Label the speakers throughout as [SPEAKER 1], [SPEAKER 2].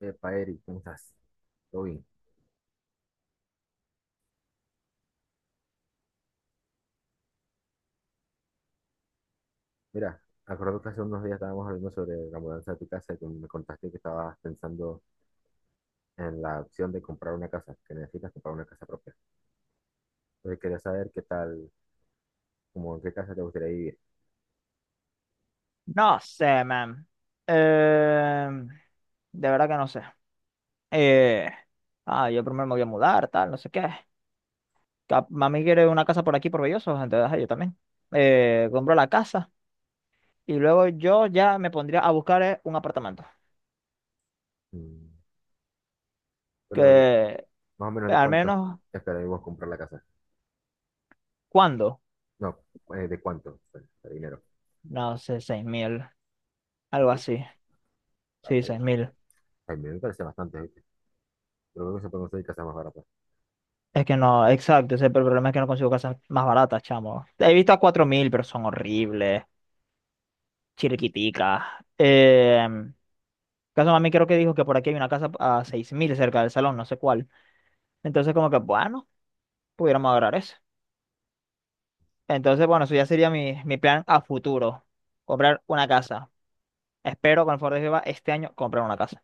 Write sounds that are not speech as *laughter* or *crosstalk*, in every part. [SPEAKER 1] Epa, Eric, ¿cómo estás? Todo bien. Mira, acuerdo que hace unos días estábamos hablando sobre la mudanza de tu casa y que me contaste que estabas pensando en la opción de comprar una casa, que necesitas comprar una casa propia. Entonces quería saber qué tal, como en qué casa te gustaría vivir.
[SPEAKER 2] No sé, man. Eh, de verdad que no sé. Eh, yo primero me voy a mudar, tal, no sé qué. Mami quiere una casa por aquí, por Belloso, entonces ajá, yo también. Compro la casa y luego yo ya me pondría a buscar un apartamento.
[SPEAKER 1] Mm. Pero
[SPEAKER 2] Que
[SPEAKER 1] más o menos de
[SPEAKER 2] al
[SPEAKER 1] cuánto
[SPEAKER 2] menos,
[SPEAKER 1] esperaríamos comprar la casa.
[SPEAKER 2] ¿cuándo?
[SPEAKER 1] No, de cuánto, pues, de dinero.
[SPEAKER 2] No sé, 6000, algo
[SPEAKER 1] Así,
[SPEAKER 2] así.
[SPEAKER 1] ah,
[SPEAKER 2] Sí,
[SPEAKER 1] está bien.
[SPEAKER 2] 6000.
[SPEAKER 1] Ay, me parece bastante, ¿viste? Pero creo que se pueden conseguir casas más baratas.
[SPEAKER 2] Es que no, exacto, ese es el problema, es que no consigo casas más baratas, chamo. He visto a 4000, pero son horribles. Chiriquitica. Caso mami creo que dijo que por aquí hay una casa a 6000 cerca del salón, no sé cuál. Entonces como que, bueno, pudiéramos agarrar eso. Entonces, bueno, eso ya sería mi plan a futuro. Comprar una casa. Espero con el favor de Jehová este año comprar una casa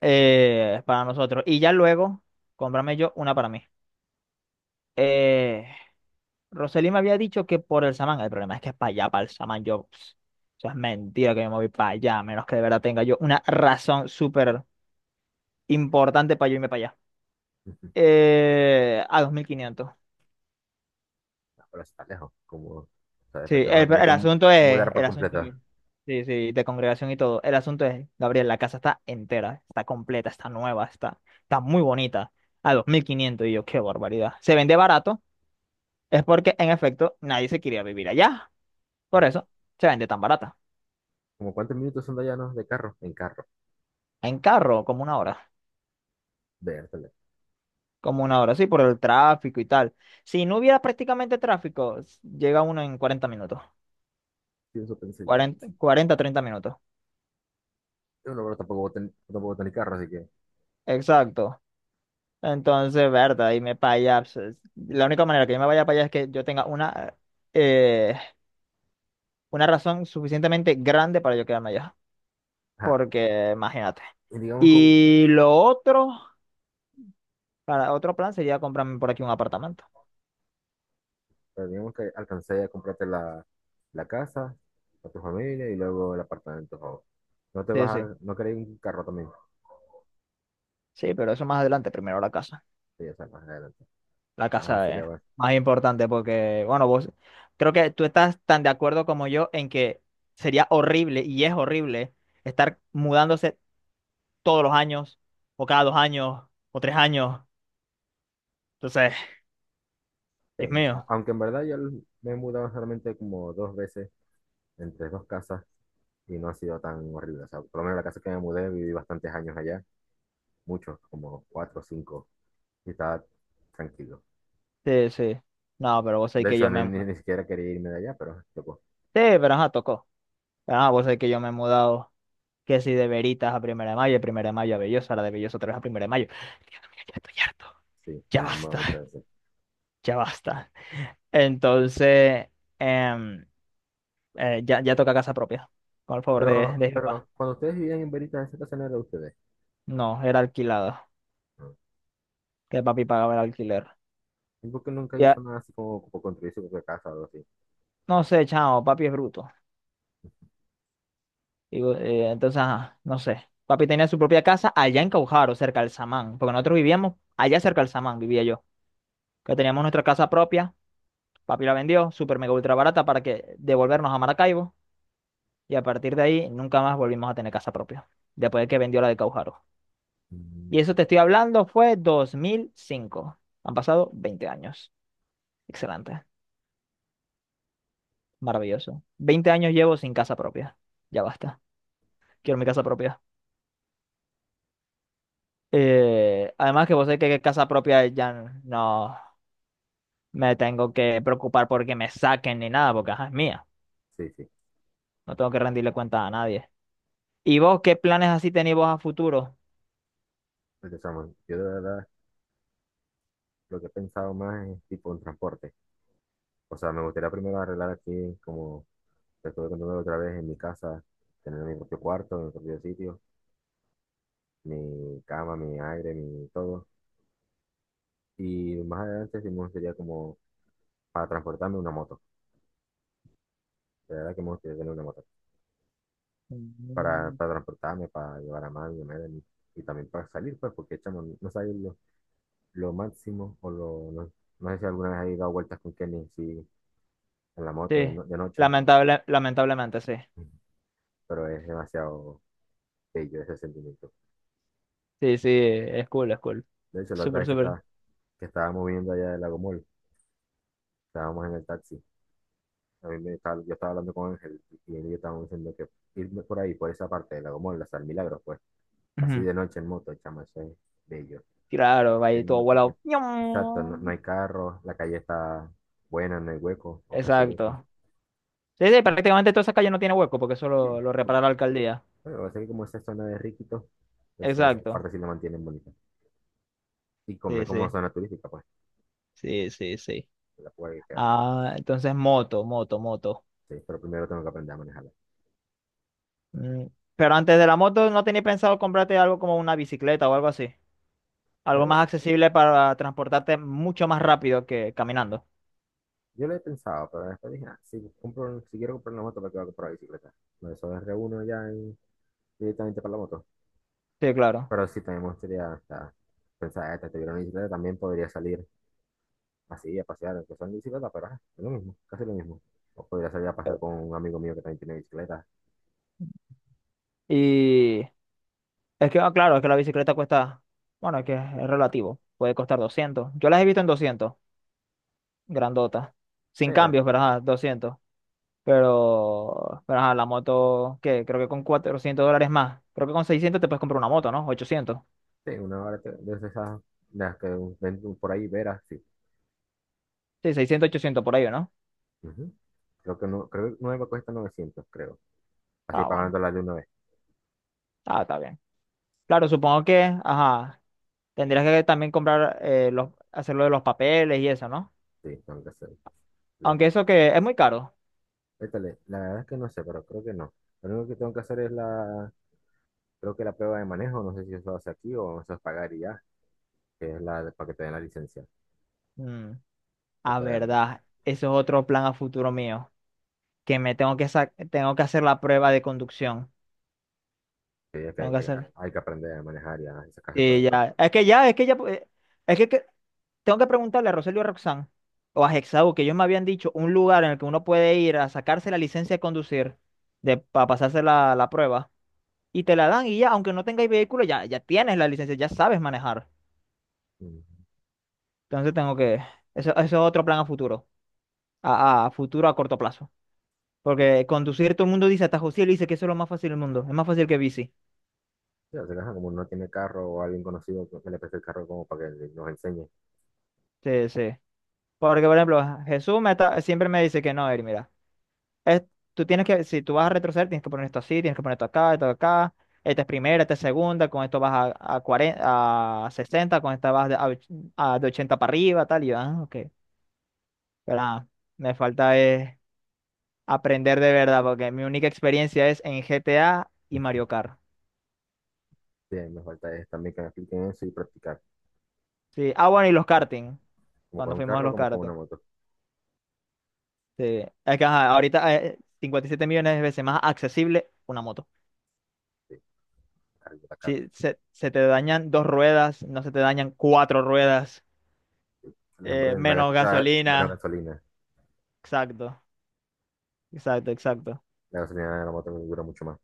[SPEAKER 2] para nosotros. Y ya luego, comprarme yo una para mí. Eh, Roseli me había dicho que por el Samán. El problema es que es para allá, para el Samán. Yo, pss, eso es mentira que me moví para allá, a menos que de verdad tenga yo una razón súper importante para yo irme para allá.
[SPEAKER 1] *laughs*
[SPEAKER 2] A 2500.
[SPEAKER 1] Ah, pero eso está lejos, como, o sea, después
[SPEAKER 2] Sí,
[SPEAKER 1] te vas a
[SPEAKER 2] el,
[SPEAKER 1] tener
[SPEAKER 2] el
[SPEAKER 1] que
[SPEAKER 2] asunto es,
[SPEAKER 1] mudar por completo.
[SPEAKER 2] sí, sí, de congregación y todo. El asunto es, Gabriel, la casa está entera, está completa, está nueva, está muy bonita. A 2500 y yo, qué barbaridad. Se vende barato, es porque en efecto nadie se quería vivir allá. Por eso se vende tan barata.
[SPEAKER 1] ¿Como cuántos minutos son de allá, no? De carro, en carro.
[SPEAKER 2] En carro, como una hora.
[SPEAKER 1] Vértale.
[SPEAKER 2] Como una hora, sí, por el tráfico y tal. Si no hubiera prácticamente tráfico, llega uno en 40 minutos.
[SPEAKER 1] Sí, eso pensé yo.
[SPEAKER 2] 40, 40 30 minutos.
[SPEAKER 1] Yo no, pero tampoco voy a tener carro, así que.
[SPEAKER 2] Exacto. Entonces, verdad, y me paya, pues. La única manera que yo me vaya para allá es que yo tenga eh, una razón suficientemente grande para yo quedarme allá.
[SPEAKER 1] Ajá.
[SPEAKER 2] Porque, imagínate.
[SPEAKER 1] Y digamos,
[SPEAKER 2] Y lo otro, para otro plan sería comprarme por aquí un apartamento.
[SPEAKER 1] que alcancé a comprarte la casa, a tu familia y luego el apartamento, ¿no? No te vas
[SPEAKER 2] Sí, sí.
[SPEAKER 1] a, no querés un carro también.
[SPEAKER 2] Sí, pero eso más adelante, primero la casa.
[SPEAKER 1] Sí, o sea, más adelante.
[SPEAKER 2] La
[SPEAKER 1] Ajá,
[SPEAKER 2] casa
[SPEAKER 1] sería
[SPEAKER 2] es
[SPEAKER 1] más.
[SPEAKER 2] más importante porque, bueno, vos, creo que tú estás tan de acuerdo como yo en que sería horrible y es horrible estar mudándose todos los años o cada 2 años o 3 años. Entonces,
[SPEAKER 1] Sí,
[SPEAKER 2] Dios
[SPEAKER 1] o sea,
[SPEAKER 2] mío.
[SPEAKER 1] aunque en verdad yo me he mudado solamente como dos veces entre dos casas y no ha sido tan horrible. O sea, por lo menos la casa que me mudé viví bastantes años allá, muchos, como cuatro o cinco, y estaba tranquilo.
[SPEAKER 2] Sí, sí. No, pero vos sabés
[SPEAKER 1] De
[SPEAKER 2] que
[SPEAKER 1] hecho,
[SPEAKER 2] yo
[SPEAKER 1] ni, ni, ni siquiera quería irme de allá, pero tocó.
[SPEAKER 2] sí, pero ajá, tocó. Pero ajá, vos sabés que yo me he mudado, que si de Veritas a Primera de Mayo, de Primera de Mayo a Belloso, ahora de Belloso otra vez a Primera de Mayo. Dios mío, ya estoy harto.
[SPEAKER 1] Sí,
[SPEAKER 2] Ya
[SPEAKER 1] las amo
[SPEAKER 2] basta,
[SPEAKER 1] muchas
[SPEAKER 2] *laughs*
[SPEAKER 1] veces.
[SPEAKER 2] ya basta. Entonces, em, ya, ya toca casa propia, con el favor de,
[SPEAKER 1] Pero,
[SPEAKER 2] de Jehová.
[SPEAKER 1] pero cuando ustedes vivían en Veritas, esa casa no era de ustedes,
[SPEAKER 2] No, era alquilado,
[SPEAKER 1] ¿no?
[SPEAKER 2] que papi pagaba el alquiler.
[SPEAKER 1] ¿Y por qué nunca hizo
[SPEAKER 2] Ya,
[SPEAKER 1] nada así como, construir su propia casa o algo así?
[SPEAKER 2] no sé, chao, papi es bruto. Entonces, ajá, no sé. Papi tenía su propia casa allá en Caujaro, cerca del Samán, porque nosotros vivíamos allá cerca del Samán, vivía yo. Que teníamos nuestra casa propia, papi la vendió super mega ultra barata para que devolvernos a Maracaibo. Y a partir de ahí nunca más volvimos a tener casa propia, después de que vendió la de Caujaro.
[SPEAKER 1] Mm.
[SPEAKER 2] Y eso te estoy hablando fue 2005. Han pasado 20 años. Excelente, maravilloso. 20 años llevo sin casa propia. Ya basta, quiero mi casa propia. Además que vos sabés que casa propia ya no me tengo que preocupar porque me saquen ni nada, porque ajá, es mía.
[SPEAKER 1] Sí, sí.
[SPEAKER 2] No tengo que rendirle cuenta a nadie. ¿Y vos qué planes así tenéis vos a futuro?
[SPEAKER 1] Entonces, chamo, yo de verdad lo que he pensado más es tipo un transporte. O sea, me gustaría primero arreglar aquí, como te estuve contando otra vez, en mi casa, tener mi propio cuarto, mi propio sitio, mi cama, mi aire, mi todo. Y más adelante sí me gustaría como para transportarme una moto. De verdad que me gustaría tener una moto. para,
[SPEAKER 2] Mm.
[SPEAKER 1] para transportarme, para llevar a mami, a Melanie, y también para salir, pues, porque chamo, no sabes lo máximo, no, no sé si alguna vez he dado vueltas con Kenny, sí, en la moto
[SPEAKER 2] Sí,
[SPEAKER 1] de, no- de noche,
[SPEAKER 2] lamentablemente, sí.
[SPEAKER 1] pero es demasiado bello ese sentimiento.
[SPEAKER 2] Sí, sí, es cool, es cool.
[SPEAKER 1] De hecho, la otra
[SPEAKER 2] Súper,
[SPEAKER 1] vez que,
[SPEAKER 2] súper.
[SPEAKER 1] estaba, que estábamos viendo allá del Lagomol, estábamos en el taxi, a mí me estaba- yo estaba hablando con Ángel, y él y yo estábamos diciendo que irme por ahí, por esa parte del Lagomol, hasta el Milagro, pues, así
[SPEAKER 2] Ujú.
[SPEAKER 1] de noche en moto, chamo, eso es bello.
[SPEAKER 2] Claro, va
[SPEAKER 1] Porque
[SPEAKER 2] ahí todo
[SPEAKER 1] no- que-
[SPEAKER 2] volado.
[SPEAKER 1] exacto, no, no
[SPEAKER 2] ¡Ñam!
[SPEAKER 1] hay carro, la calle está buena, no hay hueco o casi hueco.
[SPEAKER 2] Exacto. Sí, sí, prácticamente toda esa calle no tiene hueco porque eso lo,
[SPEAKER 1] Bien,
[SPEAKER 2] lo
[SPEAKER 1] cool.
[SPEAKER 2] repara la alcaldía.
[SPEAKER 1] Bueno, así que como esa zona de Riquitos, entonces esa
[SPEAKER 2] Exacto.
[SPEAKER 1] parte sí la mantienen bonita. Y como,
[SPEAKER 2] Sí, sí,
[SPEAKER 1] zona turística, pues,
[SPEAKER 2] sí, sí, sí.
[SPEAKER 1] que la puede quedar.
[SPEAKER 2] Ah, entonces moto, moto, moto.
[SPEAKER 1] Sí, pero primero tengo que aprender a manejarla.
[SPEAKER 2] Mm. Pero antes de la moto, ¿no tenías pensado comprarte algo como una bicicleta o algo así? Algo
[SPEAKER 1] Pero
[SPEAKER 2] más accesible para transportarte mucho más rápido que caminando.
[SPEAKER 1] yo lo he pensado, pero después dije, ah, si quiero comprar una moto, ¿para qué voy a comprar bicicleta? Por eso es reúno ya y directamente para la moto.
[SPEAKER 2] Sí, claro.
[SPEAKER 1] Pero sí, también me gustaría, o sea, pensar, "Ah, esta, tuviera una bicicleta, también podría salir, así, a pasear, que son en bicicleta, pero ajá, es lo mismo, casi lo mismo. O podría salir a pasear con un amigo mío que también tiene bicicleta.
[SPEAKER 2] Y claro, es que la bicicleta cuesta, bueno, es que es relativo. Puede costar 200. Yo las he visto en 200, grandotas.
[SPEAKER 1] Eh,
[SPEAKER 2] Sin
[SPEAKER 1] eh,
[SPEAKER 2] cambios, pero ajá, 200. Pero ajá, la moto, ¿qué? Creo que con 400 dólares más. Creo que con 600 te puedes comprar una moto, ¿no? 800.
[SPEAKER 1] sí, una hora de esas, de las que ven tú por ahí, veras, sí.
[SPEAKER 2] Sí, 600 800 por ahí, ¿no?
[SPEAKER 1] Ujú. Creo que no, creo que nueva cuesta 900 creo. Así
[SPEAKER 2] Ah, bueno.
[SPEAKER 1] pagándola de una vez.
[SPEAKER 2] Ah, está bien. Claro, supongo que, ajá, tendrías que también comprar, los, hacerlo de los papeles y eso, ¿no?
[SPEAKER 1] Sí, tengo que hacerlo.
[SPEAKER 2] Aunque eso que es muy caro.
[SPEAKER 1] Échale, la verdad es que no sé, pero creo que no. Lo único que tengo que hacer es la, creo que la prueba de manejo, no sé si eso hace aquí o eso es pagar y ya, que es la de- para que te den la licencia
[SPEAKER 2] Mm,
[SPEAKER 1] o
[SPEAKER 2] a
[SPEAKER 1] poder andar.
[SPEAKER 2] verdad, eso es otro plan a futuro mío, que me tengo que sa- tengo que hacer la prueba de conducción.
[SPEAKER 1] Sí, es que
[SPEAKER 2] Tengo
[SPEAKER 1] hay,
[SPEAKER 2] que
[SPEAKER 1] hay-
[SPEAKER 2] hacer.
[SPEAKER 1] hay que aprender a manejar y a sacarse todo
[SPEAKER 2] Sí,
[SPEAKER 1] eso.
[SPEAKER 2] ya. Es que ya, es que ya, es que- Tengo que preguntarle a Rogelio y a Roxanne o a Hexau, que ellos me habían dicho un lugar en el que uno puede ir a sacarse la licencia de conducir, de, para pasarse la prueba y te la dan y ya, aunque no tengáis vehículo, ya, ya tienes la licencia, ya sabes manejar.
[SPEAKER 1] Ujú.
[SPEAKER 2] Entonces tengo que, eso es otro plan a futuro, a futuro a corto plazo.
[SPEAKER 1] Sí.
[SPEAKER 2] Porque conducir todo el mundo dice, hasta José le dice que eso es lo más fácil del mundo, es más fácil que bici.
[SPEAKER 1] Sí, o sea, que, ajá, como no tiene carro o alguien conocido que le preste el carro como para que nos enseñe.
[SPEAKER 2] Sí, sí. Porque, por ejemplo, siempre me dice que no, Eri, mira, es, tú tienes que, si tú vas a retroceder, tienes que poner esto así, tienes que poner esto acá, esta es primera, esta es segunda, con esto vas a 40 a 60, con esta vas de, a, och- a de 80 para arriba, tal, y yo, ah, ok. Pero ah, Me falta es aprender de verdad, porque mi única experiencia es en GTA y
[SPEAKER 1] *laughs*
[SPEAKER 2] Mario Kart.
[SPEAKER 1] Sí, me falta es también que me expliquen eso y practicar.
[SPEAKER 2] Sí. Ah, bueno, y
[SPEAKER 1] Porque como con
[SPEAKER 2] cuando
[SPEAKER 1] un
[SPEAKER 2] fuimos a
[SPEAKER 1] carro,
[SPEAKER 2] los
[SPEAKER 1] como con una
[SPEAKER 2] karting.
[SPEAKER 1] moto.
[SPEAKER 2] Sí. Es que ajá, ahorita 57 millones de veces más accesible una moto.
[SPEAKER 1] Sí, carro está caro.
[SPEAKER 2] Si se, se te dañan dos ruedas, no se te dañan cuatro ruedas,
[SPEAKER 1] Por ejemplo, en
[SPEAKER 2] menos
[SPEAKER 1] menos
[SPEAKER 2] gasolina.
[SPEAKER 1] gasolina.
[SPEAKER 2] Exacto, exacto, exacto.
[SPEAKER 1] La gasolina de la moto dura mucho más.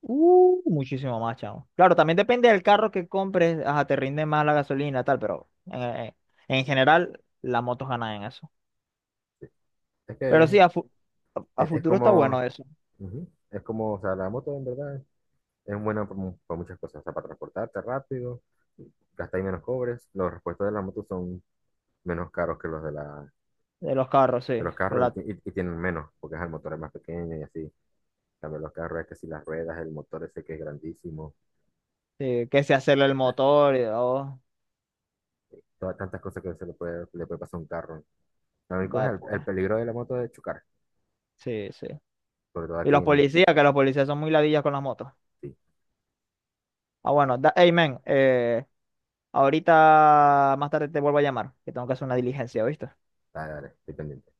[SPEAKER 2] Muchísimo más, chavo. Claro, también depende del carro que compres, ajá, te rinde más la gasolina, tal, pero en general las motos ganan en eso.
[SPEAKER 1] Es que
[SPEAKER 2] Pero
[SPEAKER 1] es,
[SPEAKER 2] sí, a
[SPEAKER 1] es- es
[SPEAKER 2] futuro está
[SPEAKER 1] como,
[SPEAKER 2] bueno eso,
[SPEAKER 1] ujú, es como, o sea, la moto en verdad es buena por muchas cosas. O sea, para transportarte rápido, gastáis menos cobres. Los repuestos de la moto son menos caros que los de
[SPEAKER 2] de los carros, sí,
[SPEAKER 1] de los carros
[SPEAKER 2] rela-.
[SPEAKER 1] y, y tienen menos, porque ajá, el motor es más pequeño y así. Cambio los carros, es que si las ruedas, el motor ese que es grandísimo,
[SPEAKER 2] Sí, que se hacerle el
[SPEAKER 1] la-
[SPEAKER 2] motor y oh,
[SPEAKER 1] todas tantas cosas que se le puede pasar a un carro. Lo único es
[SPEAKER 2] va
[SPEAKER 1] el,
[SPEAKER 2] pues.
[SPEAKER 1] el peligro de la moto de chocar,
[SPEAKER 2] Sí, sí.
[SPEAKER 1] sobre todo
[SPEAKER 2] Y
[SPEAKER 1] aquí
[SPEAKER 2] los
[SPEAKER 1] en...
[SPEAKER 2] policías, que los policías son muy ladillas con las motos.
[SPEAKER 1] Sí,
[SPEAKER 2] Ah, bueno, da, hey, men, ahorita más tarde te vuelvo a llamar, que tengo que hacer una diligencia, ¿viste?
[SPEAKER 1] dale, dale, estoy pendiente.